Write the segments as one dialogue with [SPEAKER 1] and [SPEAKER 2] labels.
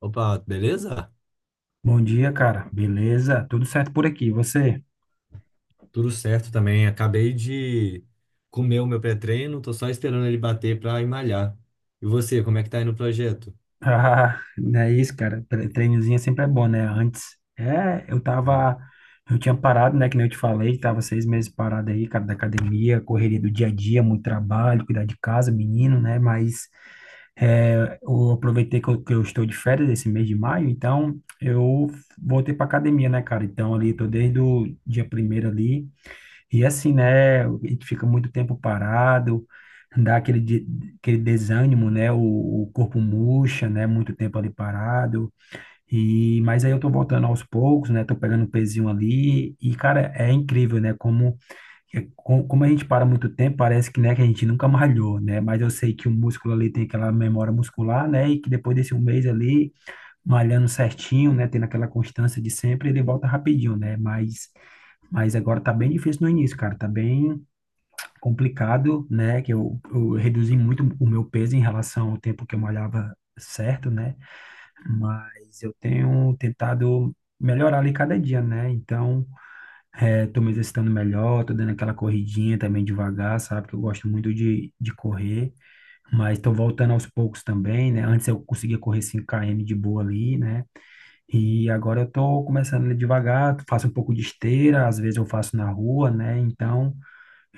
[SPEAKER 1] Opa, beleza?
[SPEAKER 2] Bom dia, cara. Beleza? Tudo certo por aqui. E você?
[SPEAKER 1] Tudo certo também. Acabei de comer o meu pré-treino, tô só esperando ele bater pra ir malhar. E você, como é que tá aí no projeto?
[SPEAKER 2] Ah, não é isso, cara. Treinozinho sempre é bom, né? Antes, é, eu
[SPEAKER 1] Hum.
[SPEAKER 2] tava, eu tinha parado, né? Que nem eu te falei, tava 6 meses parado aí, cara, da academia, correria do dia a dia, muito trabalho, cuidar de casa, menino, né? Mas eu aproveitei que eu, estou de férias esse mês de maio, então eu voltei pra academia, né, cara? Então ali, tô desde o dia primeiro ali. E assim, né? A gente fica muito tempo parado, dá aquele desânimo, né? O corpo murcha, né? Muito tempo ali parado. E, mas aí eu tô voltando aos poucos, né? Tô pegando um pezinho ali. E, cara, é incrível, né? É- como a gente para muito tempo, parece que, né, que a gente nunca malhou, né? Mas eu sei que o músculo ali tem aquela memória muscular, né? E que depois desse um mês ali, malhando certinho, né? Tendo aquela constância de sempre, ele volta rapidinho, né? Mas agora tá bem difícil no início, cara. Tá bem complicado, né? Que eu reduzi muito o meu peso em relação ao tempo que eu malhava certo, né? Mas eu tenho tentado melhorar ali cada dia, né? Então, tô me exercitando melhor, tô dando aquela corridinha também devagar, sabe? Que eu gosto muito de correr, mas tô voltando aos poucos também, né? Antes eu conseguia correr 5 km de boa ali, né? E agora eu tô começando ali devagar, faço um pouco de esteira, às vezes eu faço na rua, né? Então,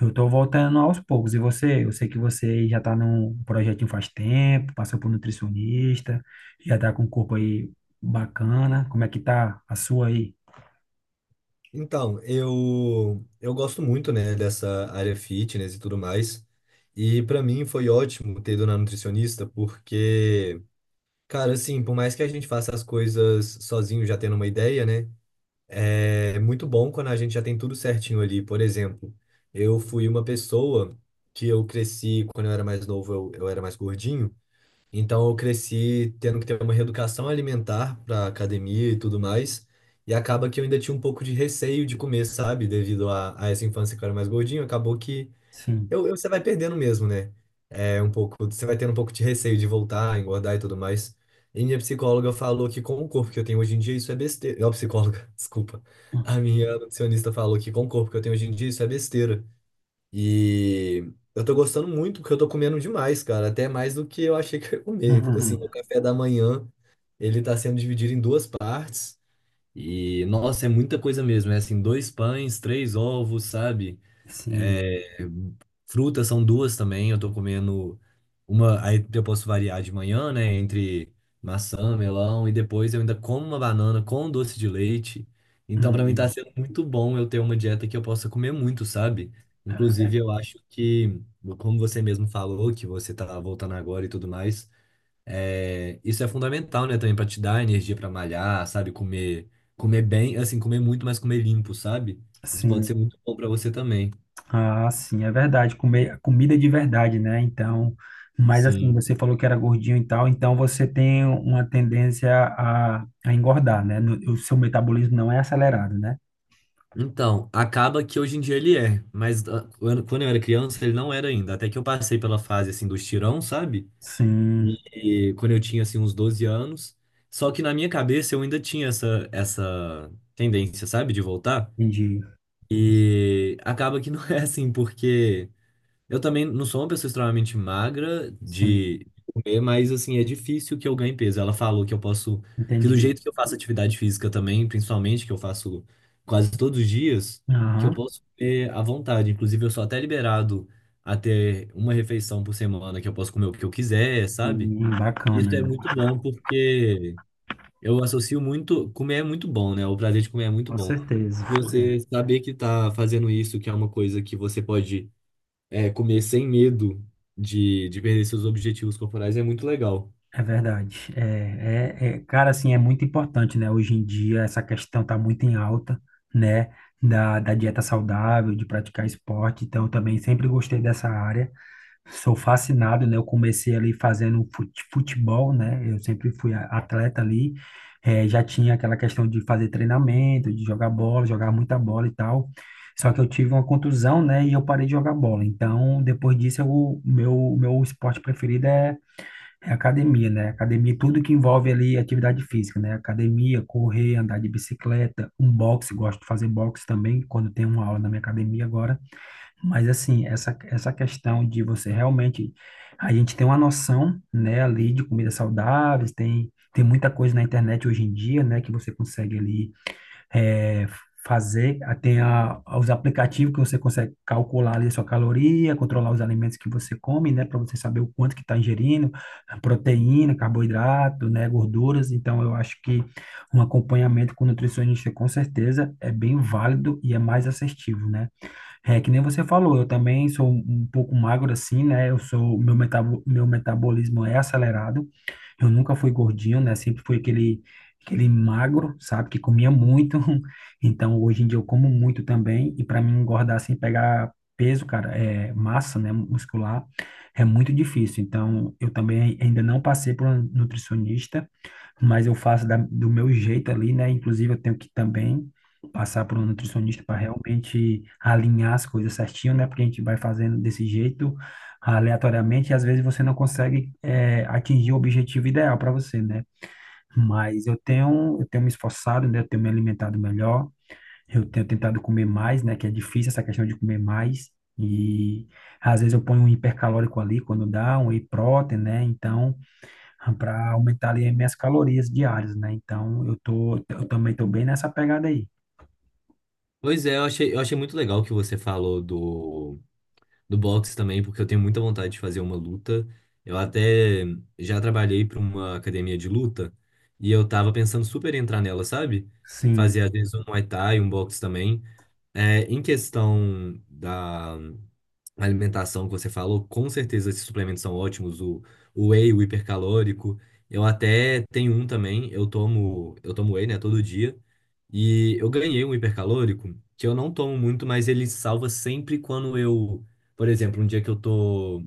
[SPEAKER 2] eu tô voltando aos poucos. E você? Eu sei que você já tá num projetinho faz tempo, passou por nutricionista, já tá com um corpo aí bacana. Como é que tá a sua aí?
[SPEAKER 1] Então, eu gosto muito, né, dessa área fitness e tudo mais. E pra mim foi ótimo ter ido na nutricionista, porque, cara, assim, por mais que a gente faça as coisas sozinho já tendo uma ideia, né? É muito bom quando a gente já tem tudo certinho ali. Por exemplo, eu fui uma pessoa que eu cresci, quando eu era mais novo, eu era mais gordinho. Então, eu cresci tendo que ter uma reeducação alimentar para academia e tudo mais. E acaba que eu ainda tinha um pouco de receio de comer, sabe? Devido a essa infância que eu era mais gordinho, acabou que
[SPEAKER 2] Sim.
[SPEAKER 1] você vai perdendo mesmo, né? É um pouco, você vai tendo um pouco de receio de voltar, engordar e tudo mais. E minha psicóloga falou que com o corpo que eu tenho hoje em dia, isso é besteira. Não, psicóloga, desculpa. A minha nutricionista falou que com o corpo que eu tenho hoje em dia, isso é besteira. E eu tô gostando muito, porque eu tô comendo demais, cara. Até mais do que eu achei que eu ia comer. Assim,
[SPEAKER 2] Uhum.
[SPEAKER 1] o café da manhã, ele tá sendo dividido em duas partes. E, nossa, é muita coisa mesmo. É assim, dois pães, três ovos, sabe?
[SPEAKER 2] Sim.
[SPEAKER 1] É, frutas são duas também. Eu tô comendo uma. Aí eu posso variar de manhã, né? Entre maçã, melão, e depois eu ainda como uma banana com doce de leite. Então, pra mim, tá
[SPEAKER 2] Hum.
[SPEAKER 1] sendo muito bom eu ter uma dieta que eu possa comer muito, sabe? Inclusive, eu acho que, como você mesmo falou, que você tá voltando agora e tudo mais, é, isso é fundamental, né? Também pra te dar energia pra malhar, sabe? Comer, comer bem, assim, comer muito, mas comer limpo, sabe? Isso pode ser
[SPEAKER 2] Sim,
[SPEAKER 1] muito bom pra você também.
[SPEAKER 2] ah, sim, é verdade. Comer comida de verdade, né? Então, mas assim,
[SPEAKER 1] Sim.
[SPEAKER 2] você falou que era gordinho e tal, então você tem uma tendência a engordar, né? O seu metabolismo não é acelerado, né?
[SPEAKER 1] Então, acaba que hoje em dia ele é, mas ah, quando eu era criança ele não era ainda, até que eu passei pela fase assim dos tirão, sabe?
[SPEAKER 2] Sim,
[SPEAKER 1] E quando eu tinha assim uns 12 anos, só que na minha cabeça eu ainda tinha essa tendência, sabe, de voltar.
[SPEAKER 2] entendi.
[SPEAKER 1] E acaba que não é assim, porque eu também não sou uma pessoa extremamente magra
[SPEAKER 2] Sim.
[SPEAKER 1] de comer, mas assim, é difícil que eu ganhe peso. Ela falou que eu posso, que do
[SPEAKER 2] Entendi.
[SPEAKER 1] jeito que eu faço atividade física também, principalmente que eu faço quase todos os dias, que eu
[SPEAKER 2] Aham.
[SPEAKER 1] posso comer à vontade. Inclusive, eu sou até liberado a ter uma refeição por semana que eu posso comer o que eu quiser, sabe?
[SPEAKER 2] Sim, bacana.
[SPEAKER 1] Isso é muito bom porque eu associo muito, comer é muito bom, né? O prazer de comer é muito
[SPEAKER 2] Com
[SPEAKER 1] bom.
[SPEAKER 2] certeza.
[SPEAKER 1] Você saber que tá fazendo isso, que é uma coisa que você pode é, comer sem medo de perder seus objetivos corporais é muito legal.
[SPEAKER 2] É verdade. Cara, assim, é muito importante, né, hoje em dia essa questão tá muito em alta, né, da dieta saudável, de praticar esporte, então eu também sempre gostei dessa área. Sou fascinado, né? Eu comecei ali fazendo futebol, né? Eu sempre fui atleta ali. Já tinha aquela questão de fazer treinamento, de jogar bola, jogar muita bola e tal. Só que eu tive uma contusão, né? E eu parei de jogar bola. Então, depois disso, meu esporte preferido é, é, academia, né? Academia, tudo que envolve ali atividade física, né? Academia, correr, andar de bicicleta, um boxe. Gosto de fazer boxe também, quando tem uma aula na minha academia agora. Mas assim, essa questão de você realmente, a gente tem uma noção, né, ali de comidas saudáveis, tem muita coisa na internet hoje em dia, né, que você consegue ali eh, fazer. Ah, tem os aplicativos que você consegue calcular ali a sua caloria, controlar os alimentos que você come, né, para você saber o quanto que está ingerindo, proteína, carboidrato, né, gorduras. Então eu acho que um acompanhamento com nutricionista com certeza é bem válido e é mais assertivo, né, é, que nem você falou, eu também sou um pouco magro assim, né? Eu sou, meu metabolismo é acelerado. Eu nunca fui gordinho, né? Sempre fui aquele magro, sabe, que comia muito. Então, hoje em dia eu como muito também e para mim engordar sem pegar peso, cara, é massa, né, muscular, é muito difícil. Então, eu também ainda não passei por um nutricionista, mas eu faço do meu jeito ali, né? Inclusive, eu tenho que também passar por um nutricionista para realmente alinhar as coisas certinho, né? Porque a gente vai fazendo desse jeito aleatoriamente e às vezes você não consegue atingir o objetivo ideal para você, né? Mas eu tenho me esforçado, né? Eu tenho me alimentado melhor, eu tenho tentado comer mais, né? Que é difícil essa questão de comer mais. E às vezes eu ponho um hipercalórico ali quando dá, um whey protein, né? Então, para aumentar ali as minhas calorias diárias, né? Então eu tô, eu também tô bem nessa pegada aí.
[SPEAKER 1] Pois é, eu achei muito legal que você falou do, do boxe também, porque eu tenho muita vontade de fazer uma luta. Eu até já trabalhei para uma academia de luta e eu tava pensando super em entrar nela, sabe?
[SPEAKER 2] Sim,
[SPEAKER 1] Fazer às vezes um Muay Thai, um boxe também. É, em questão da, a alimentação que você falou, com certeza esses suplementos são ótimos, o whey, o hipercalórico. Eu até tenho um também, eu tomo whey, né, todo dia. E eu ganhei um hipercalórico que eu não tomo muito, mas ele salva sempre quando eu, por exemplo, um dia que eu tô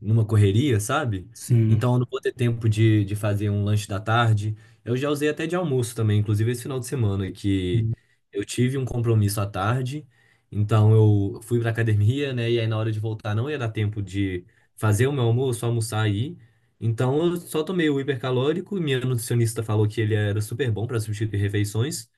[SPEAKER 1] numa correria, sabe?
[SPEAKER 2] sim,
[SPEAKER 1] Então eu não vou ter tempo de fazer um lanche da tarde. Eu já usei até de almoço também, inclusive esse final de semana que
[SPEAKER 2] sim,
[SPEAKER 1] eu tive um compromisso à tarde. Então eu fui pra academia, né? E aí na hora de voltar não ia dar tempo de fazer o meu almoço, almoçar aí. Então eu só tomei o hipercalórico. Minha nutricionista falou que ele era super bom para substituir refeições.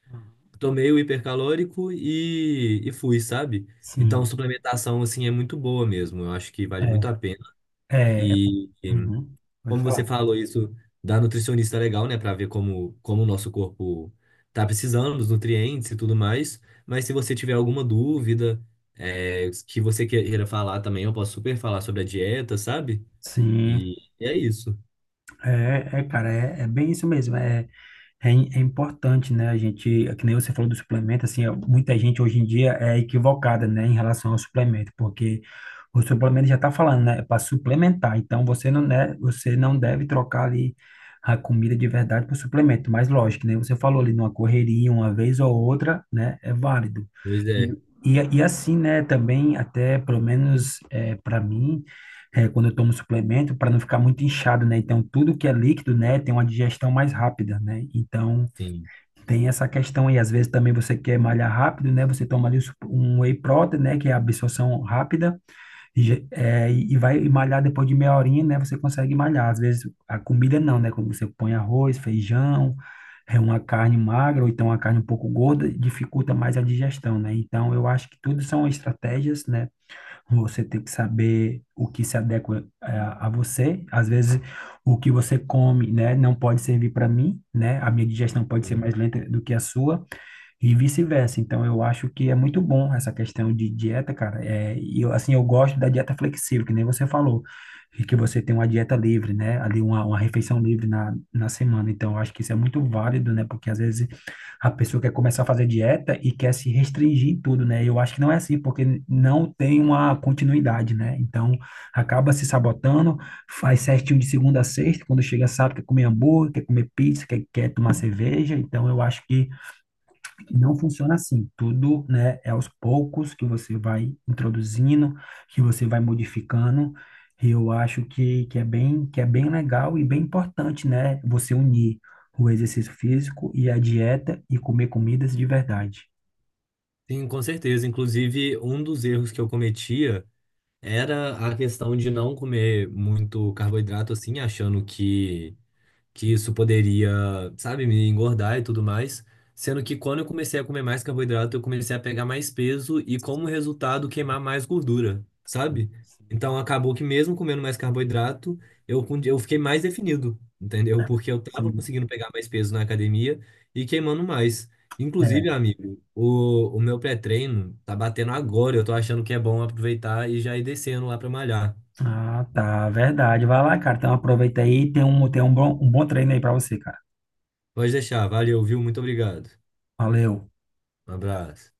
[SPEAKER 1] Tomei o hipercalórico e fui, sabe? Então,
[SPEAKER 2] sim.
[SPEAKER 1] suplementação, assim, é muito boa mesmo. Eu acho que vale muito a pena.
[SPEAKER 2] É, é, é-
[SPEAKER 1] E
[SPEAKER 2] uhum, pode
[SPEAKER 1] como
[SPEAKER 2] falar.
[SPEAKER 1] você falou isso da nutricionista é legal, né, para ver como o nosso corpo tá precisando dos nutrientes e tudo mais. Mas se você tiver alguma dúvida é, que você queira falar também, eu posso super falar sobre a dieta, sabe?
[SPEAKER 2] Sim,
[SPEAKER 1] E é isso.
[SPEAKER 2] cara, é bem isso mesmo. É é importante, né? A gente, é que nem você falou do suplemento, assim, ó, muita gente hoje em dia é equivocada, né, em relação ao suplemento, porque o suplemento já está falando, né, para suplementar. Então você não, né, você não deve trocar ali a comida de verdade por suplemento. Mas lógico, né? Você falou ali numa correria, uma vez ou outra, né, é válido.
[SPEAKER 1] Pois
[SPEAKER 2] E,
[SPEAKER 1] é,
[SPEAKER 2] e assim, né, também até pelo menos para mim quando eu tomo suplemento, para não ficar muito inchado, né? Então, tudo que é líquido, né, tem uma digestão mais rápida, né? Então,
[SPEAKER 1] sim.
[SPEAKER 2] tem essa questão aí. Às vezes também você quer malhar rápido, né? Você toma ali um whey protein, né, que é a absorção rápida, e, e vai malhar depois de meia horinha, né? Você consegue malhar. Às vezes a comida não, né? Quando você põe arroz, feijão, é uma carne magra ou então uma carne um pouco gorda, dificulta mais a digestão, né? Então, eu acho que tudo são estratégias, né? Você tem que saber o que se adequa a, você. Às vezes, o que você come, né, não pode servir para mim, né? A minha digestão pode ser
[SPEAKER 1] Sim,
[SPEAKER 2] mais lenta do que a sua e vice-versa. Então, eu acho que é muito bom essa questão de dieta, cara. É, e eu, assim, eu gosto da dieta flexível, que nem você falou, e que você tem uma dieta livre, né? Ali, uma refeição livre na semana. Então, eu acho que isso é muito válido, né? Porque às vezes a pessoa quer começar a fazer dieta e quer se restringir em tudo, né? Eu acho que não é assim, porque não tem uma continuidade, né? Então, acaba se sabotando, faz certinho de segunda a sexta, quando chega sábado quer comer hambúrguer, quer comer pizza, quer tomar cerveja. Então, eu acho que não funciona assim. Tudo, né, é aos poucos que você vai introduzindo, que você vai modificando. E eu acho que é bem, que é bem legal e bem importante, né, você unir o exercício físico e a dieta e comer comidas de verdade.
[SPEAKER 1] sim, com certeza. Inclusive, um dos erros que eu cometia era a questão de não comer muito carboidrato, assim, achando que isso poderia, sabe, me engordar e tudo mais. Sendo que quando eu comecei a comer mais carboidrato, eu comecei a pegar mais peso e, como resultado, queimar mais gordura, sabe? Então acabou que mesmo comendo mais carboidrato, eu fiquei mais definido, entendeu? Porque eu tava
[SPEAKER 2] Sim.
[SPEAKER 1] conseguindo pegar mais peso na academia e queimando mais. Inclusive,
[SPEAKER 2] É.
[SPEAKER 1] amigo, o meu pré-treino tá batendo agora. Eu tô achando que é bom aproveitar e já ir descendo lá pra malhar.
[SPEAKER 2] Ah, tá, verdade. Vai lá, cara. Então aproveita aí, um bom treino aí pra você, cara.
[SPEAKER 1] Pode deixar, valeu, viu? Muito obrigado.
[SPEAKER 2] Valeu.
[SPEAKER 1] Um abraço.